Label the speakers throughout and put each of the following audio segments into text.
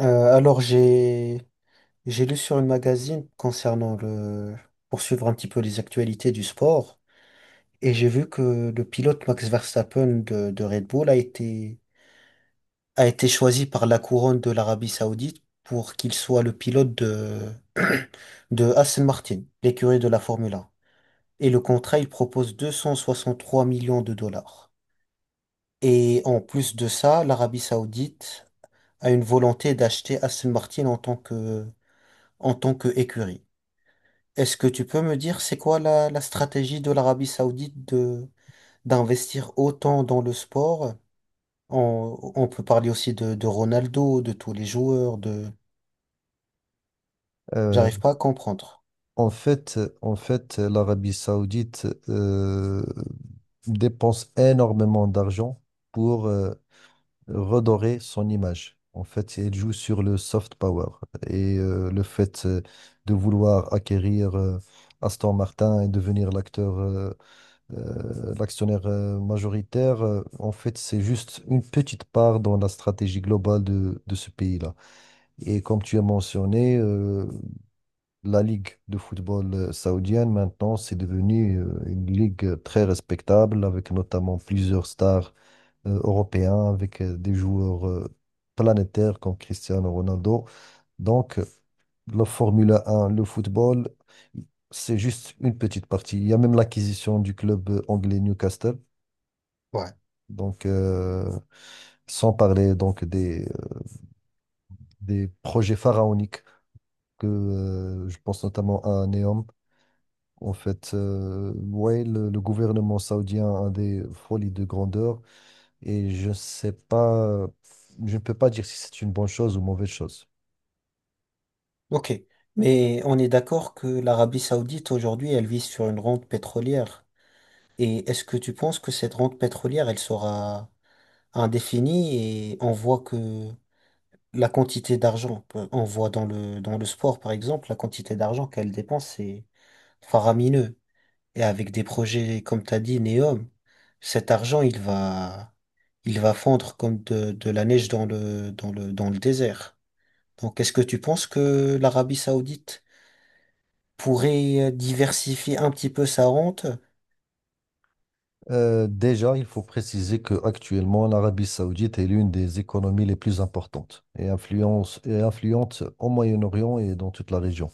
Speaker 1: Alors j'ai lu sur une magazine concernant le poursuivre un petit peu les actualités du sport. Et j'ai vu que le pilote Max Verstappen de Red Bull a été choisi par la couronne de l'Arabie Saoudite pour qu'il soit le pilote de Aston Martin, l'écurie de la Formule 1. Et le contrat, il propose 263 millions de dollars. Et en plus de ça, l'Arabie Saoudite a une volonté d'acheter Aston Martin en tant que écurie. Est-ce que tu peux me dire c'est quoi la stratégie de l'Arabie Saoudite de d'investir autant dans le sport? On peut parler aussi de Ronaldo, de tous les joueurs, de...
Speaker 2: Euh,
Speaker 1: J'arrive pas à comprendre.
Speaker 2: en fait, l'Arabie Saoudite dépense énormément d'argent pour redorer son image. En fait, elle joue sur le soft power et le fait de vouloir acquérir Aston Martin et devenir l'actionnaire majoritaire, en fait, c'est juste une petite part dans la stratégie globale de ce pays-là. Et comme tu as mentionné, la ligue de football saoudienne, maintenant, c'est devenu une ligue très respectable, avec notamment plusieurs stars européens, avec des joueurs planétaires comme Cristiano Ronaldo. Donc, la Formule 1, le football, c'est juste une petite partie. Il y a même l'acquisition du club anglais Newcastle.
Speaker 1: Ouais.
Speaker 2: Donc, sans parler donc des projets pharaoniques que je pense notamment à Neom. En fait, ouais, le gouvernement saoudien a des folies de grandeur et je ne sais pas, je ne peux pas dire si c'est une bonne chose ou mauvaise chose.
Speaker 1: Ok. Mais on est d'accord que l'Arabie Saoudite aujourd'hui, elle vise sur une rente pétrolière. Et est-ce que tu penses que cette rente pétrolière, elle sera indéfinie? Et on voit que la quantité d'argent, on voit dans le sport par exemple, la quantité d'argent qu'elle dépense, c'est faramineux. Et avec des projets, comme tu as dit, Neom, cet argent, il va fondre comme de la neige dans le désert. Donc, est-ce que tu penses que l'Arabie Saoudite pourrait diversifier un petit peu sa rente?
Speaker 2: Déjà, il faut préciser que actuellement, l'Arabie saoudite est l'une des économies les plus importantes et, influence, et influente au Moyen-Orient et dans toute la région.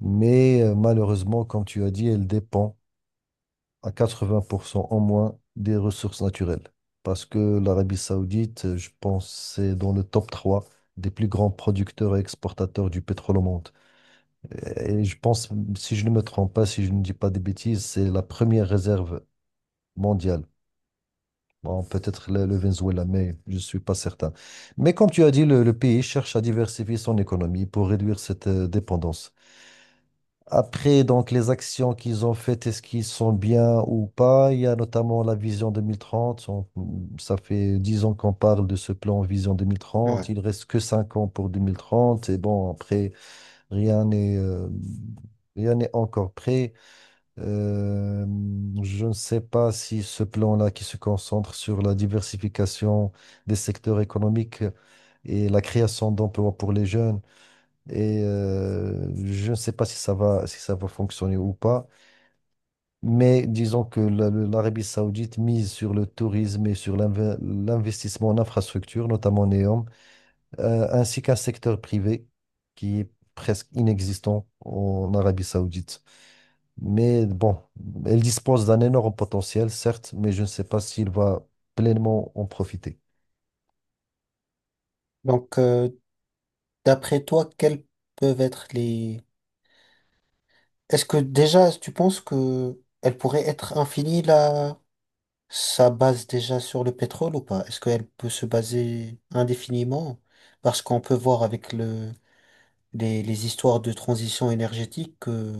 Speaker 2: Mais malheureusement, comme tu as dit, elle dépend à 80% en moins des ressources naturelles. Parce que l'Arabie Saoudite, je pense, c'est dans le top 3 des plus grands producteurs et exportateurs du pétrole au monde. Et je pense, si je ne me trompe pas, si je ne dis pas des bêtises, c'est la première réserve mondiale. Bon, peut-être le Venezuela, mais je ne suis pas certain. Mais comme tu as dit, le pays cherche à diversifier son économie pour réduire cette dépendance. Après, donc, les actions qu'ils ont faites, est-ce qu'ils sont bien ou pas? Il y a notamment la vision 2030. Ça fait 10 ans qu'on parle de ce plan vision 2030.
Speaker 1: Ouais.
Speaker 2: Il reste que 5 ans pour 2030. Et bon, après, rien n'est euh, rien n'est encore prêt. Euh, je ne sais pas si ce plan-là qui se concentre sur la diversification des secteurs économiques et la création d'emplois pour les jeunes. Et je ne sais pas si ça va fonctionner ou pas, mais disons que l'Arabie Saoudite mise sur le tourisme et sur l'investissement en infrastructure, notamment en NEOM, ainsi qu'un secteur privé qui est presque inexistant en Arabie Saoudite. Mais bon, elle dispose d'un énorme potentiel, certes, mais je ne sais pas s'il va pleinement en profiter.
Speaker 1: Donc, d'après toi, quelles peuvent être les... Est-ce que déjà, tu penses que elle pourrait être infinie, là, sa base déjà sur le pétrole ou pas? Est-ce qu'elle peut se baser indéfiniment? Parce qu'on peut voir avec le les histoires de transition énergétique que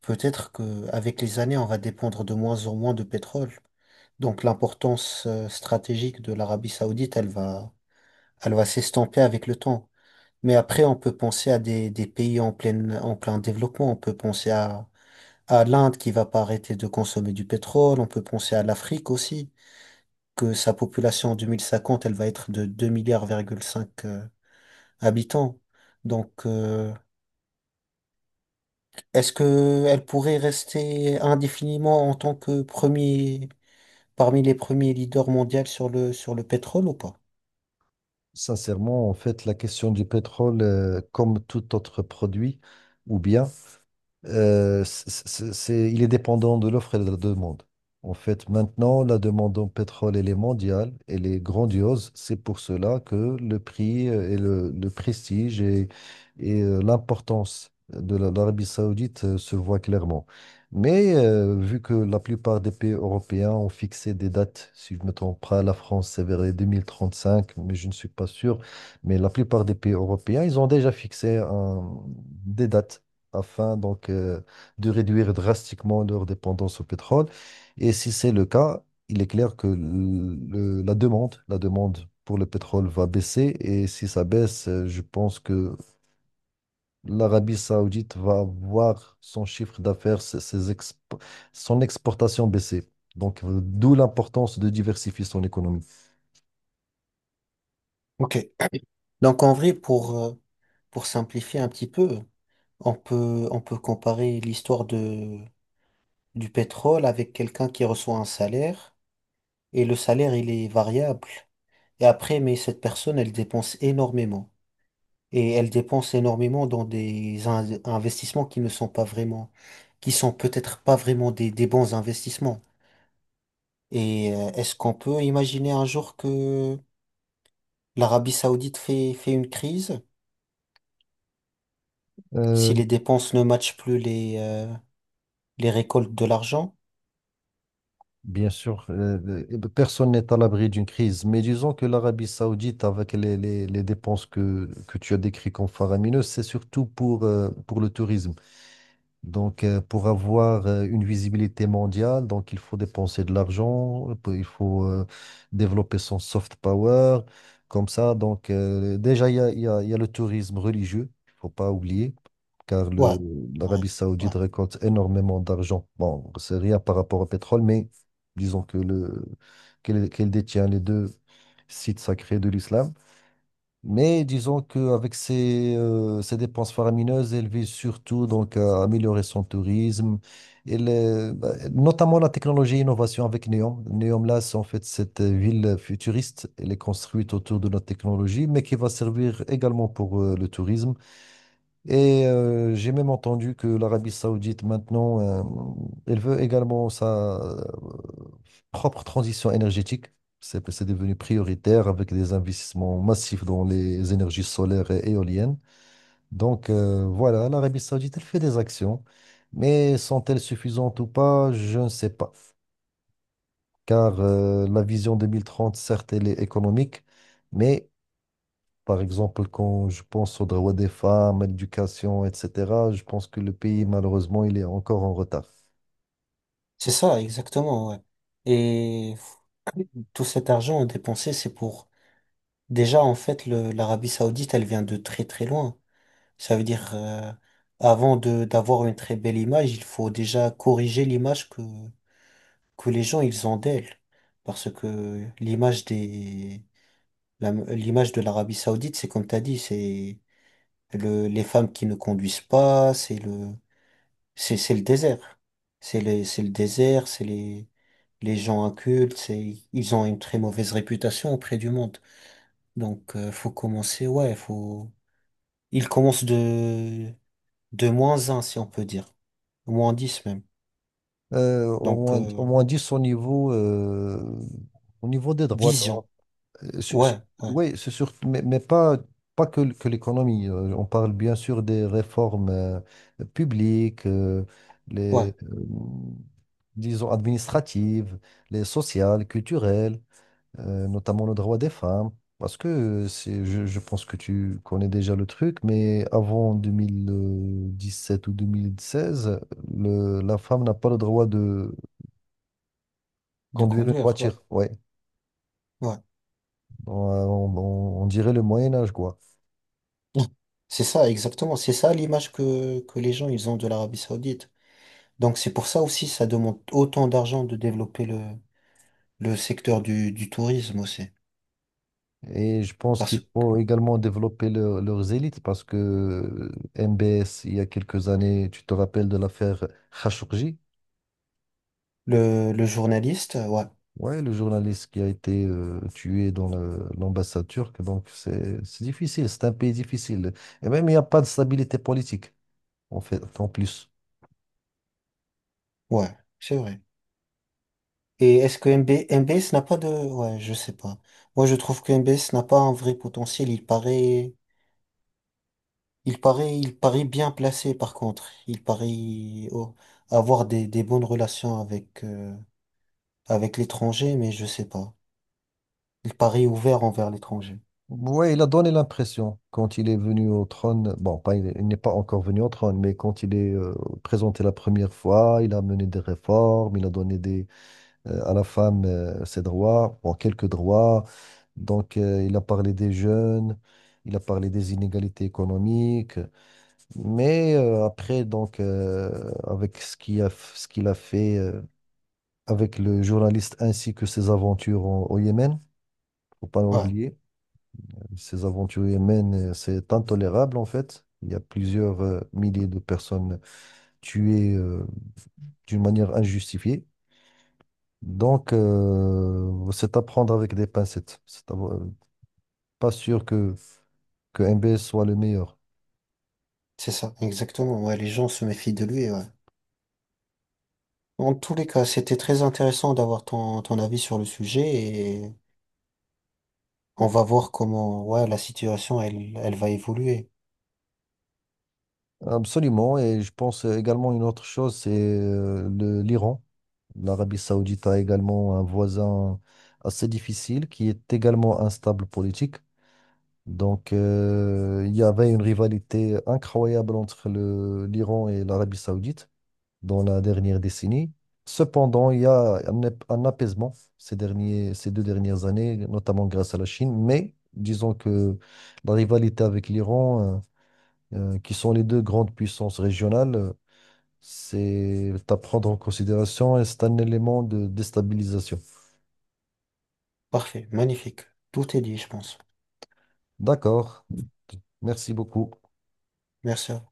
Speaker 1: peut-être que avec les années, on va dépendre de moins en moins de pétrole. Donc l'importance stratégique de l'Arabie Saoudite, elle va s'estomper avec le temps. Mais après, on peut penser à des pays en plein développement. On peut penser à l'Inde qui va pas arrêter de consommer du pétrole. On peut penser à l'Afrique aussi, que sa population en 2050 elle va être de deux virgule cinq milliards,5 habitants. Donc, est-ce que elle pourrait rester indéfiniment en tant que premier, parmi les premiers leaders mondiaux sur le pétrole ou pas?
Speaker 2: Sincèrement, en fait, la question du pétrole, comme tout autre produit, ou bien. Il est dépendant de l'offre et de la demande. En fait, maintenant, la demande en pétrole, elle est mondiale, elle est grandiose. C'est pour cela que le prix et le prestige et, l'importance de l'Arabie Saoudite se voient clairement. Mais vu que la plupart des pays européens ont fixé des dates, si je ne me trompe pas, la France, c'est vers les 2035, mais je ne suis pas sûr. Mais la plupart des pays européens, ils ont déjà fixé des dates afin donc de réduire drastiquement leur dépendance au pétrole. Et si c'est le cas, il est clair que la demande pour le pétrole va baisser. Et si ça baisse, je pense que l'Arabie Saoudite va voir son chiffre d'affaires, son exportation baisser. Donc, d'où l'importance de diversifier son économie.
Speaker 1: Ok. Donc en vrai, pour simplifier un petit peu, on peut comparer l'histoire du pétrole avec quelqu'un qui reçoit un salaire, et le salaire, il est variable. Et après, mais cette personne, elle dépense énormément. Et elle dépense énormément dans des investissements qui ne sont pas vraiment, qui sont peut-être pas vraiment des bons investissements. Et est-ce qu'on peut imaginer un jour que l'Arabie Saoudite fait une crise
Speaker 2: Euh,
Speaker 1: si les dépenses ne matchent plus les récoltes de l'argent?
Speaker 2: Bien sûr, personne n'est à l'abri d'une crise, mais disons que l'Arabie Saoudite, avec les dépenses que tu as décrites comme faramineuses, c'est surtout pour le tourisme. Donc, pour avoir une visibilité mondiale, donc il faut dépenser de l'argent, il faut développer son soft power, comme ça. Donc, déjà, il y a, il y a- il y a le tourisme religieux, il ne faut pas oublier car
Speaker 1: Ouais, c'est vrai.
Speaker 2: l'Arabie
Speaker 1: Ouais.
Speaker 2: Saoudite récolte énormément d'argent. Bon, c'est rien par rapport au pétrole, mais disons que qu'elle détient les deux sites sacrés de l'islam. Mais disons qu'avec ses dépenses faramineuses, elle vise surtout donc à améliorer son tourisme, et bah, notamment la technologie et l'innovation avec Neom. Neom, là, c'est en fait cette ville futuriste. Elle est construite autour de notre technologie, mais qui va servir également pour le tourisme et j'ai même entendu que l'Arabie Saoudite, maintenant, elle veut également sa propre transition énergétique. C'est devenu prioritaire avec des investissements massifs dans les énergies solaires et éoliennes. Donc voilà, l'Arabie Saoudite, elle fait des actions, mais sont-elles suffisantes ou pas? Je ne sais pas. Car la vision 2030, certes, elle est économique, mais par exemple, quand je pense aux droits des femmes, à l'éducation, etc., je pense que le pays, malheureusement, il est encore en retard.
Speaker 1: C'est ça, exactement, ouais. Et tout cet argent dépensé, c'est pour... Déjà, en fait, l'Arabie Saoudite, elle vient de très très loin. Ça veut dire, avant de d'avoir une très belle image, il faut déjà corriger l'image que les gens, ils ont d'elle. Parce que l'image des... L'image de l'Arabie Saoudite, c'est comme t'as dit, c'est le, les femmes qui ne conduisent pas, c'est le, c'est le désert. C'est les, c'est le désert, c'est les gens incultes, c'est, ils ont une très mauvaise réputation auprès du monde. Donc, faut commencer, ouais, faut, ils commencent de -1 si on peut dire. -10 même.
Speaker 2: Euh, au
Speaker 1: Donc,
Speaker 2: moins, au moins 10 au niveau des droits.
Speaker 1: vision. Ouais, ouais,
Speaker 2: Oui, c'est sûr, mais pas que l'économie. On parle bien sûr des réformes publiques,
Speaker 1: ouais.
Speaker 2: les, euh, disons, administratives, les sociales, culturelles. Notamment le droit des femmes, parce que je pense que tu connais déjà le truc, mais avant 2017 ou 2016, la femme n'a pas le droit de
Speaker 1: De
Speaker 2: conduire une
Speaker 1: conduire, ouais,
Speaker 2: voiture, ouais,
Speaker 1: ouais.
Speaker 2: on, on dirait le Moyen Âge, quoi.
Speaker 1: Mm. C'est ça, exactement. C'est ça l'image que les gens, ils ont de l'Arabie Saoudite. Donc, c'est pour ça aussi, ça demande autant d'argent de développer le secteur du tourisme aussi.
Speaker 2: Et je pense qu'il
Speaker 1: Parce que
Speaker 2: faut également développer leurs élites, parce que MBS, il y a quelques années, tu te rappelles de l'affaire Khashoggi.
Speaker 1: le journaliste, ouais,
Speaker 2: Ouais, le journaliste qui a été tué dans l'ambassade turque, donc c'est difficile, c'est un pays difficile. Et même il n'y a pas de stabilité politique, en fait, en plus.
Speaker 1: ouais, c'est vrai. Et est-ce que MBS n'a pas de... Ouais, je sais pas. Moi, je trouve que MBS n'a pas un vrai potentiel. Il paraît bien placé, par contre. Il paraît oh, avoir des bonnes relations avec, avec l'étranger, mais je sais pas. Il paraît ouvert envers l'étranger.
Speaker 2: Ouais, il a donné l'impression, quand il est venu au trône, bon, pas, il n'est pas encore venu au trône, mais quand il est présenté la première fois, il a mené des réformes, il a donné à la femme ses droits, bon, quelques droits. Donc, il a parlé des jeunes, il a parlé des inégalités économiques. Mais après, donc, avec ce qu'il a fait avec le journaliste ainsi que ses aventures au Yémen, faut pas
Speaker 1: Ouais,
Speaker 2: l'oublier, ses aventures au Yémen, c'est intolérable en fait. Il y a plusieurs milliers de personnes tuées d'une manière injustifiée. Donc, c'est à prendre avec des pincettes. Pas sûr que MBS soit le meilleur.
Speaker 1: c'est ça, exactement. Ouais, les gens se méfient de lui, ouais. En tous les cas, c'était très intéressant d'avoir ton avis sur le sujet. On va voir comment, ouais, la situation, elle va évoluer.
Speaker 2: Absolument, et je pense également une autre chose, c'est l'Iran. L'Arabie Saoudite a également un voisin assez difficile qui est également instable politique. Donc, il y avait une rivalité incroyable entre l'Iran et l'Arabie Saoudite dans la dernière décennie. Cependant, il y a un apaisement ces 2 dernières années, notamment grâce à la Chine. Mais disons que la rivalité avec l'Iran, qui sont les deux grandes puissances régionales, c'est à prendre en considération et c'est un élément de déstabilisation.
Speaker 1: Parfait, magnifique. Tout est dit, je pense.
Speaker 2: D'accord. Merci beaucoup.
Speaker 1: Merci. À